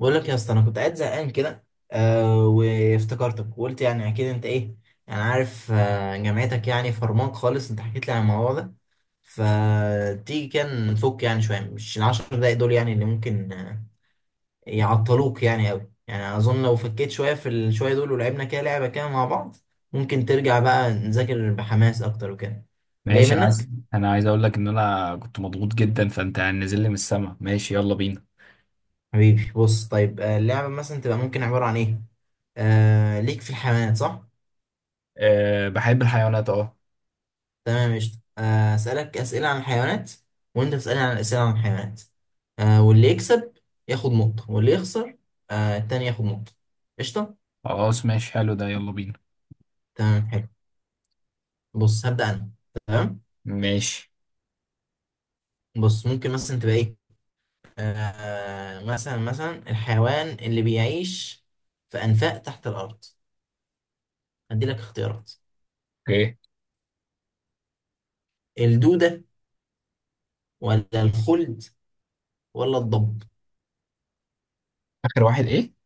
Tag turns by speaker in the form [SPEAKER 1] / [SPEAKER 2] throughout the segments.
[SPEAKER 1] بقول لك يا اسطى، انا كنت قاعد زهقان كده. آه، وافتكرتك وقلت يعني اكيد انت ايه. يعني عارف، جامعتك يعني فرمان خالص، انت حكيت لي عن الموضوع ده. فتيجي كان نفك يعني شويه، مش ال10 دقايق دول يعني اللي ممكن يعطلوك يعني قوي. يعني اظن لو فكيت شويه في الشويه دول ولعبنا كده لعبه كده مع بعض، ممكن ترجع بقى نذاكر بحماس اكتر وكده. جاي
[SPEAKER 2] ماشي، انا عايز
[SPEAKER 1] منك.
[SPEAKER 2] انا عايز اقول لك ان انا كنت مضغوط جدا، فانت نازل لي من السما. ماشي، يلا بينا.
[SPEAKER 1] حبيبي بص، طيب اللعبه مثلا تبقى ممكن عباره عن ايه؟ آه، ليك في الحيوانات صح؟
[SPEAKER 2] أه، بحب الحيوانات، اه.
[SPEAKER 1] تمام قشطة، أسألك أسئلة عن الحيوانات، وأنت تسألني عن أسئلة عن الحيوانات. واللي يكسب ياخد نقطة، واللي يخسر التاني ياخد نقطة. قشطة.
[SPEAKER 2] خلاص ماشي، حلو ده، يلا بينا.
[SPEAKER 1] تمام حلو. بص هبدأ أنا. تمام.
[SPEAKER 2] ماشي.
[SPEAKER 1] بص ممكن مثلا تبقى إيه؟ مثلا الحيوان اللي بيعيش في أنفاق تحت الأرض. هدي لك اختيارات:
[SPEAKER 2] اوكي.
[SPEAKER 1] الدودة، ولا الخلد، ولا الضب.
[SPEAKER 2] اخر واحد ايه؟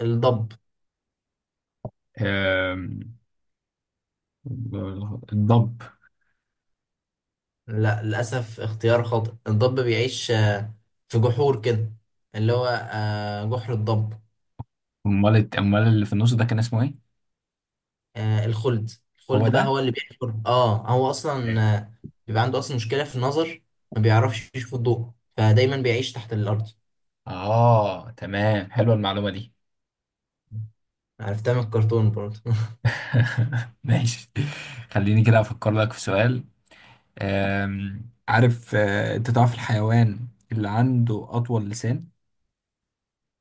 [SPEAKER 1] الضب؟
[SPEAKER 2] أم... الضب.
[SPEAKER 1] لا للأسف، اختيار خاطئ. الضب بيعيش في جحور كده، اللي هو جحر الضب.
[SPEAKER 2] امال امال اللي في النص ده كان اسمه ايه؟
[SPEAKER 1] آه، الخلد.
[SPEAKER 2] هو
[SPEAKER 1] الخلد بقى
[SPEAKER 2] ده.
[SPEAKER 1] هو اللي بيحفر، هو أصلا
[SPEAKER 2] إيه.
[SPEAKER 1] بيبقى عنده أصلا مشكلة في النظر، ما بيعرفش يشوف الضوء، فدايما بيعيش تحت الأرض.
[SPEAKER 2] اه تمام، حلوه المعلومه دي.
[SPEAKER 1] عرفتها من الكرتون برضه.
[SPEAKER 2] ماشي. خليني كده افكر لك في سؤال. عارف انت تعرف الحيوان اللي عنده اطول لسان؟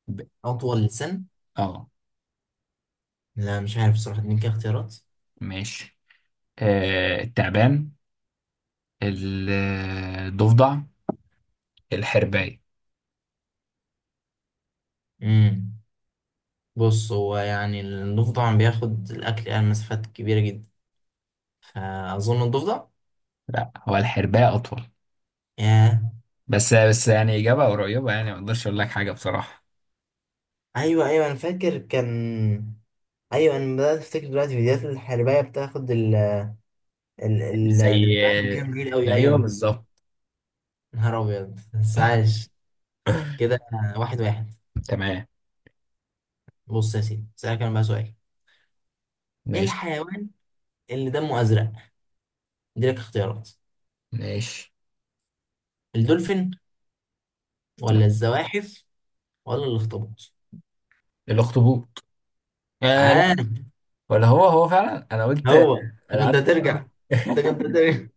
[SPEAKER 2] ب...
[SPEAKER 1] أطول لسان؟
[SPEAKER 2] اه.
[SPEAKER 1] لا مش عارف بصراحة، اديني كده اختيارات.
[SPEAKER 2] ماشي. التعبان، ال- الضفدع، الحرباية.
[SPEAKER 1] امم بص، هو يعني الضفدع بياخد الأكل يعني مسافات كبيرة جدا، فأظن الضفدع.
[SPEAKER 2] لا، هو الحرباية أطول.
[SPEAKER 1] ياه.
[SPEAKER 2] بس يعني إجابة قريبة، يعني ما أقدرش أقول لك حاجة بصراحة.
[SPEAKER 1] أيوه أيوه أنا فاكر كان. ايوه انا بدات افتكر دلوقتي، فيديوهات الحربايه بتاخد ال
[SPEAKER 2] زي.
[SPEAKER 1] الدبان كان كبير قوي،
[SPEAKER 2] أيوه
[SPEAKER 1] ايوه.
[SPEAKER 2] بالظبط.
[SPEAKER 1] نهار ابيض، بس عايش كده. واحد واحد.
[SPEAKER 2] تمام.
[SPEAKER 1] بص يا سيدي، اسالك انا بقى سؤال: ايه
[SPEAKER 2] ماشي.
[SPEAKER 1] الحيوان اللي دمه ازرق؟ دي لك اختيارات:
[SPEAKER 2] ماشي.
[SPEAKER 1] الدولفين، ولا
[SPEAKER 2] لا.
[SPEAKER 1] الزواحف، ولا الاخطبوط.
[SPEAKER 2] الأخطبوط. آه لا.
[SPEAKER 1] عارف.
[SPEAKER 2] ولا هو فعلا، أنا قلت.
[SPEAKER 1] هو.
[SPEAKER 2] أنا
[SPEAKER 1] انت كنت
[SPEAKER 2] قعدت فكرت.
[SPEAKER 1] هترجع، انت كنت هترجع.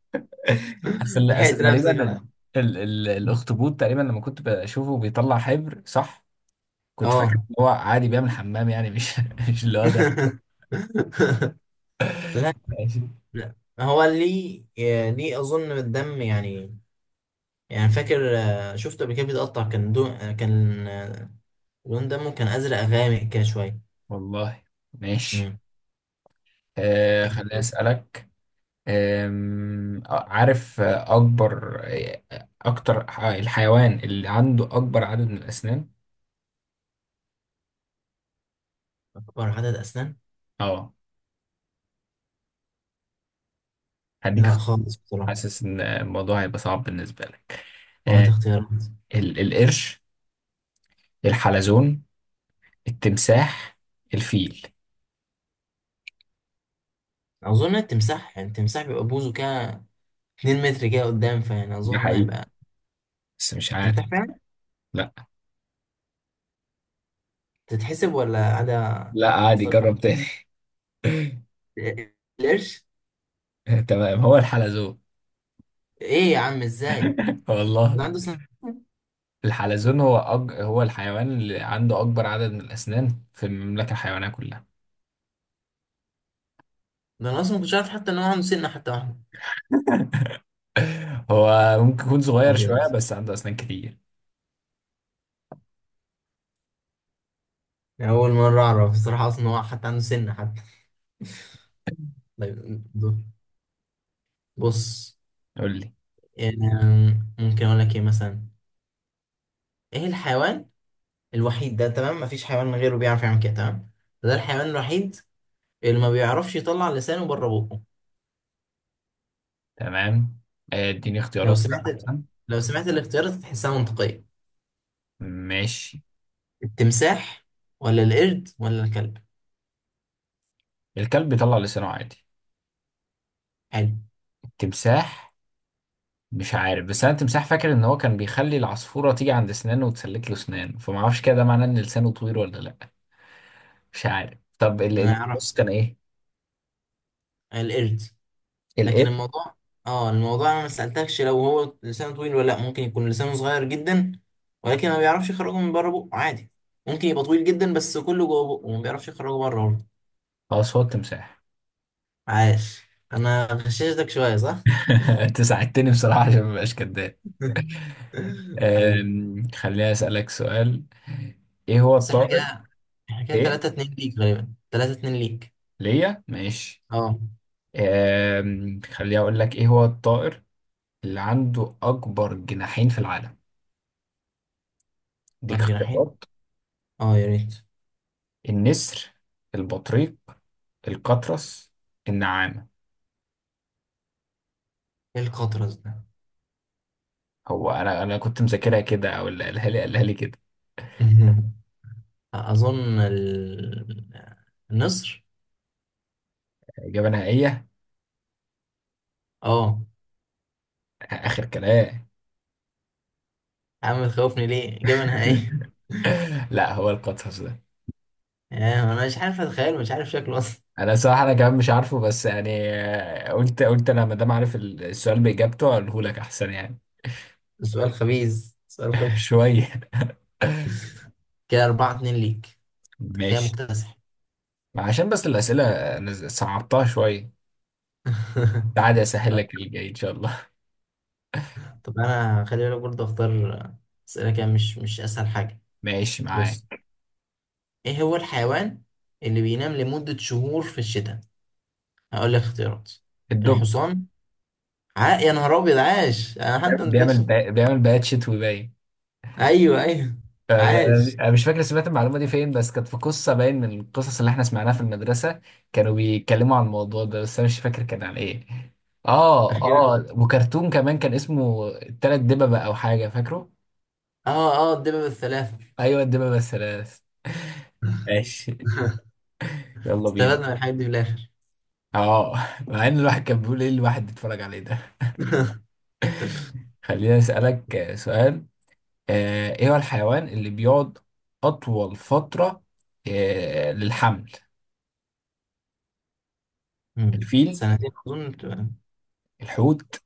[SPEAKER 2] أصل أصل
[SPEAKER 1] لحقت
[SPEAKER 2] تقريبا
[SPEAKER 1] نفسك على.
[SPEAKER 2] الأخطبوط، تقريبا لما كنت بشوفه بيطلع حبر صح، كنت فاكر
[SPEAKER 1] اه.
[SPEAKER 2] ان هو عادي بيعمل حمام يعني، مش مش اللي هو ده.
[SPEAKER 1] لا.
[SPEAKER 2] ماشي.
[SPEAKER 1] لا، هو ليه، اظن الدم يعني، يعني فاكر شفته قبل كده بيتقطع، كان دون كان لون دمه كان ازرق غامق كده شويه.
[SPEAKER 2] والله. ماشي.
[SPEAKER 1] امم.
[SPEAKER 2] آه خليني اسالك. آم، آه، عارف اكبر الحيوان اللي عنده اكبر عدد من الاسنان.
[SPEAKER 1] اكبر عدد اسنان؟
[SPEAKER 2] اه. هديك
[SPEAKER 1] لا
[SPEAKER 2] اخت-
[SPEAKER 1] خالص بصراحه.
[SPEAKER 2] حاسس ان الموضوع هيبقى صعب بالنسبه لك. آه.
[SPEAKER 1] هات اختيارات.
[SPEAKER 2] القرش، الحلزون، التمساح، الفيل.
[SPEAKER 1] اظن التمساح، يعني التمساح بيبقى بوزه كده 2 متر كده قدام، فيعني
[SPEAKER 2] ده
[SPEAKER 1] اظن
[SPEAKER 2] حقيقي
[SPEAKER 1] هيبقى
[SPEAKER 2] بس مش عارف.
[SPEAKER 1] تمساح فعلا.
[SPEAKER 2] لا
[SPEAKER 1] تتحسب ولا عدا؟
[SPEAKER 2] لا، عادي،
[SPEAKER 1] اخترت
[SPEAKER 2] جرب تاني.
[SPEAKER 1] إيه؟ القرش.
[SPEAKER 2] تمام، هو الحلزون.
[SPEAKER 1] ايه يا عم ازاي؟
[SPEAKER 2] والله.
[SPEAKER 1] ده عنده سن؟
[SPEAKER 2] الحلزون هو هو الحيوان اللي عنده أكبر عدد من الأسنان في المملكة الحيوانية كلها.
[SPEAKER 1] ده انا اصلا ما كنتش عارف حتى ان هو عنده سنه حتى واحده.
[SPEAKER 2] هو ممكن يكون صغير شوية
[SPEAKER 1] ابيض.
[SPEAKER 2] بس عنده أسنان كتير.
[SPEAKER 1] يعني اول مره اعرف بصراحه اصلا ان هو حتى عنده سنه حتى. طيب. بص.
[SPEAKER 2] قول لي.
[SPEAKER 1] يعني ممكن اقول لك ايه مثلا. ايه الحيوان الوحيد ده، تمام؟ مفيش حيوان غيره بيعرف يعمل كده، تمام. ده الحيوان الوحيد اللي ما بيعرفش يطلع لسانه بره بقه.
[SPEAKER 2] تمام. اديني
[SPEAKER 1] لو
[SPEAKER 2] اختيارات كده
[SPEAKER 1] سمعت
[SPEAKER 2] أحسن.
[SPEAKER 1] لو سمعت الاختيارات تحسها منطقية.
[SPEAKER 2] ماشي.
[SPEAKER 1] التمساح، ولا القرد، ولا الكلب.
[SPEAKER 2] الكلب بيطلع لسانه عادي.
[SPEAKER 1] حلو.
[SPEAKER 2] التمساح. مش عارف، بس أنا التمساح فاكر إن هو كان بيخلي العصفورة تيجي عند أسنانه وتسلك له أسنانه، فما أعرفش كده، ده معناه إن لسانه طويل ولا لأ. مش عارف. طب
[SPEAKER 1] انا اعرف.
[SPEAKER 2] بص كان إيه؟
[SPEAKER 1] القرد. لكن
[SPEAKER 2] الإب.
[SPEAKER 1] الموضوع، اه الموضوع، انا ما سألتكش لو هو لسانه طويل ولا لا، ممكن يكون لسانه صغير جدا، ولكن ما بيعرفش يخرجه من بره بقه عادي. ممكن يبقى طويل جدا بس كله جوه بقه، وما بيعرفش يخرجه بره.
[SPEAKER 2] خلاص، هو التمساح.
[SPEAKER 1] عاش. انا غششتك شوية، صح؟
[SPEAKER 2] أنت ساعدتني بصراحة عشان مبقاش كداب.
[SPEAKER 1] عيب.
[SPEAKER 2] خليني أسألك سؤال. إيه هو
[SPEAKER 1] بس احنا
[SPEAKER 2] الطائر؟
[SPEAKER 1] كده،
[SPEAKER 2] إيه.
[SPEAKER 1] 3-2 ليك غالبا، 3-2 ليك.
[SPEAKER 2] ليا ماشي.
[SPEAKER 1] اه.
[SPEAKER 2] خليني أقول لك. إيه هو الطائر اللي عنده أكبر جناحين في العالم؟ ديك
[SPEAKER 1] فار جناحين!
[SPEAKER 2] اختيارات.
[SPEAKER 1] اه يا ريت.
[SPEAKER 2] النسر، البطريق، القطرس، النعامة.
[SPEAKER 1] ايه القطرز ده؟
[SPEAKER 2] هو أنا كنت مذاكرها كده، أو اللي قالها لي قالها لي كده.
[SPEAKER 1] اظن النصر.
[SPEAKER 2] إجابة نهائية.
[SPEAKER 1] اه.
[SPEAKER 2] آخر كلام.
[SPEAKER 1] يا عم تخوفني ليه؟ اجابة نهائية؟
[SPEAKER 2] لا هو القطرس ده.
[SPEAKER 1] انا مش عارف اتخيل، مش عارف شكله اصلا.
[SPEAKER 2] انا صراحه انا كمان مش عارفه، بس يعني، قلت انا، ما دام عارف السؤال باجابته، اقوله لك احسن يعني.
[SPEAKER 1] سؤال خبيث، سؤال خبيث.
[SPEAKER 2] شويه.
[SPEAKER 1] كده 4-2 ليك، كده
[SPEAKER 2] ماشي.
[SPEAKER 1] مكتسح.
[SPEAKER 2] عشان بس الاسئله انا صعبتها شويه. تعالى اسهل لك اللي جاي ان شاء الله.
[SPEAKER 1] طب انا خلي بالك برضه، اختار اسئله كده، مش اسهل حاجه.
[SPEAKER 2] ماشي
[SPEAKER 1] بص،
[SPEAKER 2] معاك.
[SPEAKER 1] ايه هو الحيوان اللي بينام لمده شهور في الشتاء؟ هقول لك اختيارات:
[SPEAKER 2] الدب.
[SPEAKER 1] الحصان. عا، يا نهار ابيض، عاش! انا حتى ما
[SPEAKER 2] بيعمل
[SPEAKER 1] قلتلكش.
[SPEAKER 2] بيعمل بيعمل بيات شتوي باين.
[SPEAKER 1] ايوه ايوه.
[SPEAKER 2] انا.
[SPEAKER 1] عاش.
[SPEAKER 2] أنا مش فاكر سمعت المعلومه دي فين، بس كانت في قصه باين من القصص اللي احنا سمعناها في المدرسه. كانوا بيتكلموا عن الموضوع ده، بس انا مش فاكر كان عن ايه. اه
[SPEAKER 1] اخيرا.
[SPEAKER 2] اه، وكرتون كمان كان اسمه التلات دببة او حاجه، فاكره.
[SPEAKER 1] اه اه، الدببة الثلاثه.
[SPEAKER 2] ايوه، الدببة الثلاث. ماشي، يلا بينا.
[SPEAKER 1] استفدنا من الحاجات دي في الاخر.
[SPEAKER 2] اه. مع ان الواحد كان بيقول ايه الواحد بيتفرج عليه ده. خليني اسالك سؤال. ايه هو الحيوان اللي بيقعد اطول فتره للحمل؟
[SPEAKER 1] مم.
[SPEAKER 2] الفيل،
[SPEAKER 1] سنتين اظن بتبقى-.
[SPEAKER 2] الحوت،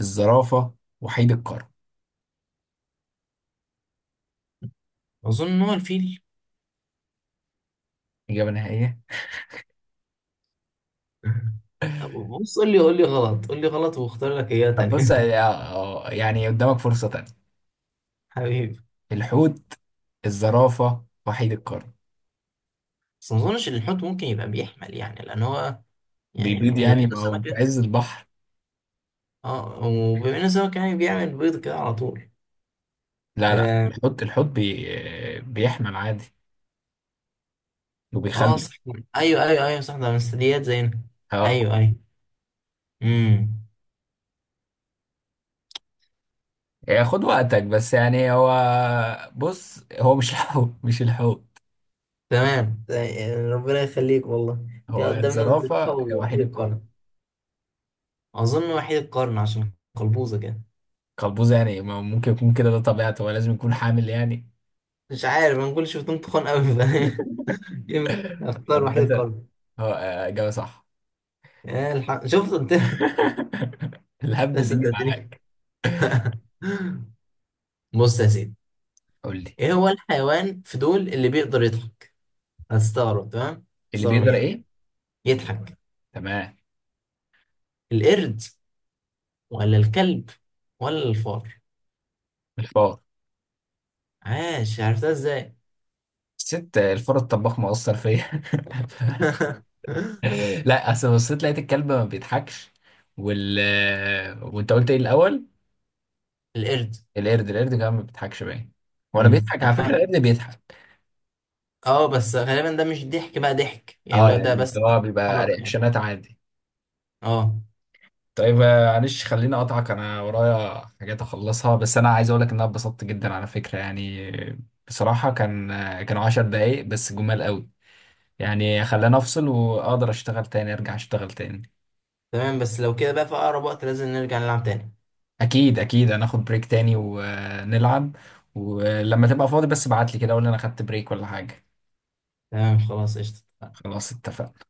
[SPEAKER 2] الزرافة، وحيد القرن.
[SPEAKER 1] اظن ان هو الفيل.
[SPEAKER 2] إجابة نهائية.
[SPEAKER 1] بص، قول لي غلط، قول لي غلط واختار لك اياه
[SPEAKER 2] طب بص،
[SPEAKER 1] تانية.
[SPEAKER 2] يعني قدامك فرصة تانية.
[SPEAKER 1] حبيبي.
[SPEAKER 2] الحوت، الزرافة، وحيد القرن.
[SPEAKER 1] بس ما اظنش ان الحوت ممكن يبقى بيحمل يعني، لان هو
[SPEAKER 2] بيبيض
[SPEAKER 1] يعني
[SPEAKER 2] الحوت
[SPEAKER 1] بما ان
[SPEAKER 2] يعني؟ ما
[SPEAKER 1] السمك
[SPEAKER 2] هو في
[SPEAKER 1] كده.
[SPEAKER 2] عز البحر.
[SPEAKER 1] اه، وبما ان السمك يعني بيعمل بيض كده على طول.
[SPEAKER 2] لا لا،
[SPEAKER 1] اه.
[SPEAKER 2] الحوت الحوت بيحمل عادي وبيخلي.
[SPEAKER 1] صح. ايوه ايوه ايوه صح، ده من الثدييات زينا.
[SPEAKER 2] اه.
[SPEAKER 1] ايوه ايوه. امم.
[SPEAKER 2] يعني خد وقتك، بس يعني هو، بص، هو مش الحوت. مش الحوت.
[SPEAKER 1] تمام، ربنا يخليك والله. دي
[SPEAKER 2] هو
[SPEAKER 1] قدامنا الزرافه
[SPEAKER 2] الزرافة يا
[SPEAKER 1] ووحيد
[SPEAKER 2] وحيد
[SPEAKER 1] القرن.
[SPEAKER 2] القرن.
[SPEAKER 1] اظن وحيد القرن عشان قلبوزه كده.
[SPEAKER 2] قلبوز يعني؟ ما ممكن يكون كده، ده طبيعته هو، لازم يكون حامل يعني.
[SPEAKER 1] مش عارف، انا كل شفتهم تخان قوي. يمكن اختار وحيد
[SPEAKER 2] عامة.
[SPEAKER 1] القرن.
[SPEAKER 2] هو إجابة صح.
[SPEAKER 1] يا الحق شفت انت.
[SPEAKER 2] الهبد
[SPEAKER 1] بس
[SPEAKER 2] دي
[SPEAKER 1] صدقتني.
[SPEAKER 2] معاك.
[SPEAKER 1] بص يا سيدي،
[SPEAKER 2] قول لي.
[SPEAKER 1] ايه هو الحيوان في دول اللي بيقدر يضحك؟ هتستغرب، تمام؟
[SPEAKER 2] اللي
[SPEAKER 1] هتستغرب
[SPEAKER 2] بيقدر
[SPEAKER 1] جامد.
[SPEAKER 2] ايه؟
[SPEAKER 1] يضحك.
[SPEAKER 2] تمام.
[SPEAKER 1] القرد، ولا الكلب، ولا الفار.
[SPEAKER 2] الفار.
[SPEAKER 1] عاش. عرفتها ازاي؟
[SPEAKER 2] ست الفار الطباخ مؤثر فيا. ف- لا، اصل بصيت لقيت الكلب ما بيضحكش، وال وانت قلت ايه الاول؟
[SPEAKER 1] القرد.
[SPEAKER 2] القرد. القرد كمان ما بيضحكش باين. ولا
[SPEAKER 1] مم.
[SPEAKER 2] بيضحك؟ على فكره
[SPEAKER 1] أنا-.
[SPEAKER 2] القرد بيضحك.
[SPEAKER 1] اه، بس غالبا ده مش ضحك بقى، ضحك يعني
[SPEAKER 2] اه
[SPEAKER 1] لو
[SPEAKER 2] يعني
[SPEAKER 1] ده
[SPEAKER 2] اللي
[SPEAKER 1] بس.
[SPEAKER 2] هو بيبقى
[SPEAKER 1] حركة يعني.
[SPEAKER 2] رياكشنات عادي.
[SPEAKER 1] اه.
[SPEAKER 2] طيب معلش خليني اقطعك، انا ورايا حاجات اخلصها، بس انا عايز اقول لك ان انا اتبسطت جدا على فكره يعني. بصراحه كان كانوا 10 دقايق بس جمال قوي. يعني خلاني افصل واقدر اشتغل تاني، ارجع اشتغل تاني.
[SPEAKER 1] تمام، بس لو كده بقى في اقرب وقت لازم نرجع نلعب تاني.
[SPEAKER 2] اكيد اكيد، انا اخد بريك تاني ونلعب. ولما تبقى فاضي بس ابعت لي كده، اقول لي انا خدت بريك ولا حاجة.
[SPEAKER 1] تمام، خلاص، قشطة.
[SPEAKER 2] خلاص اتفقنا.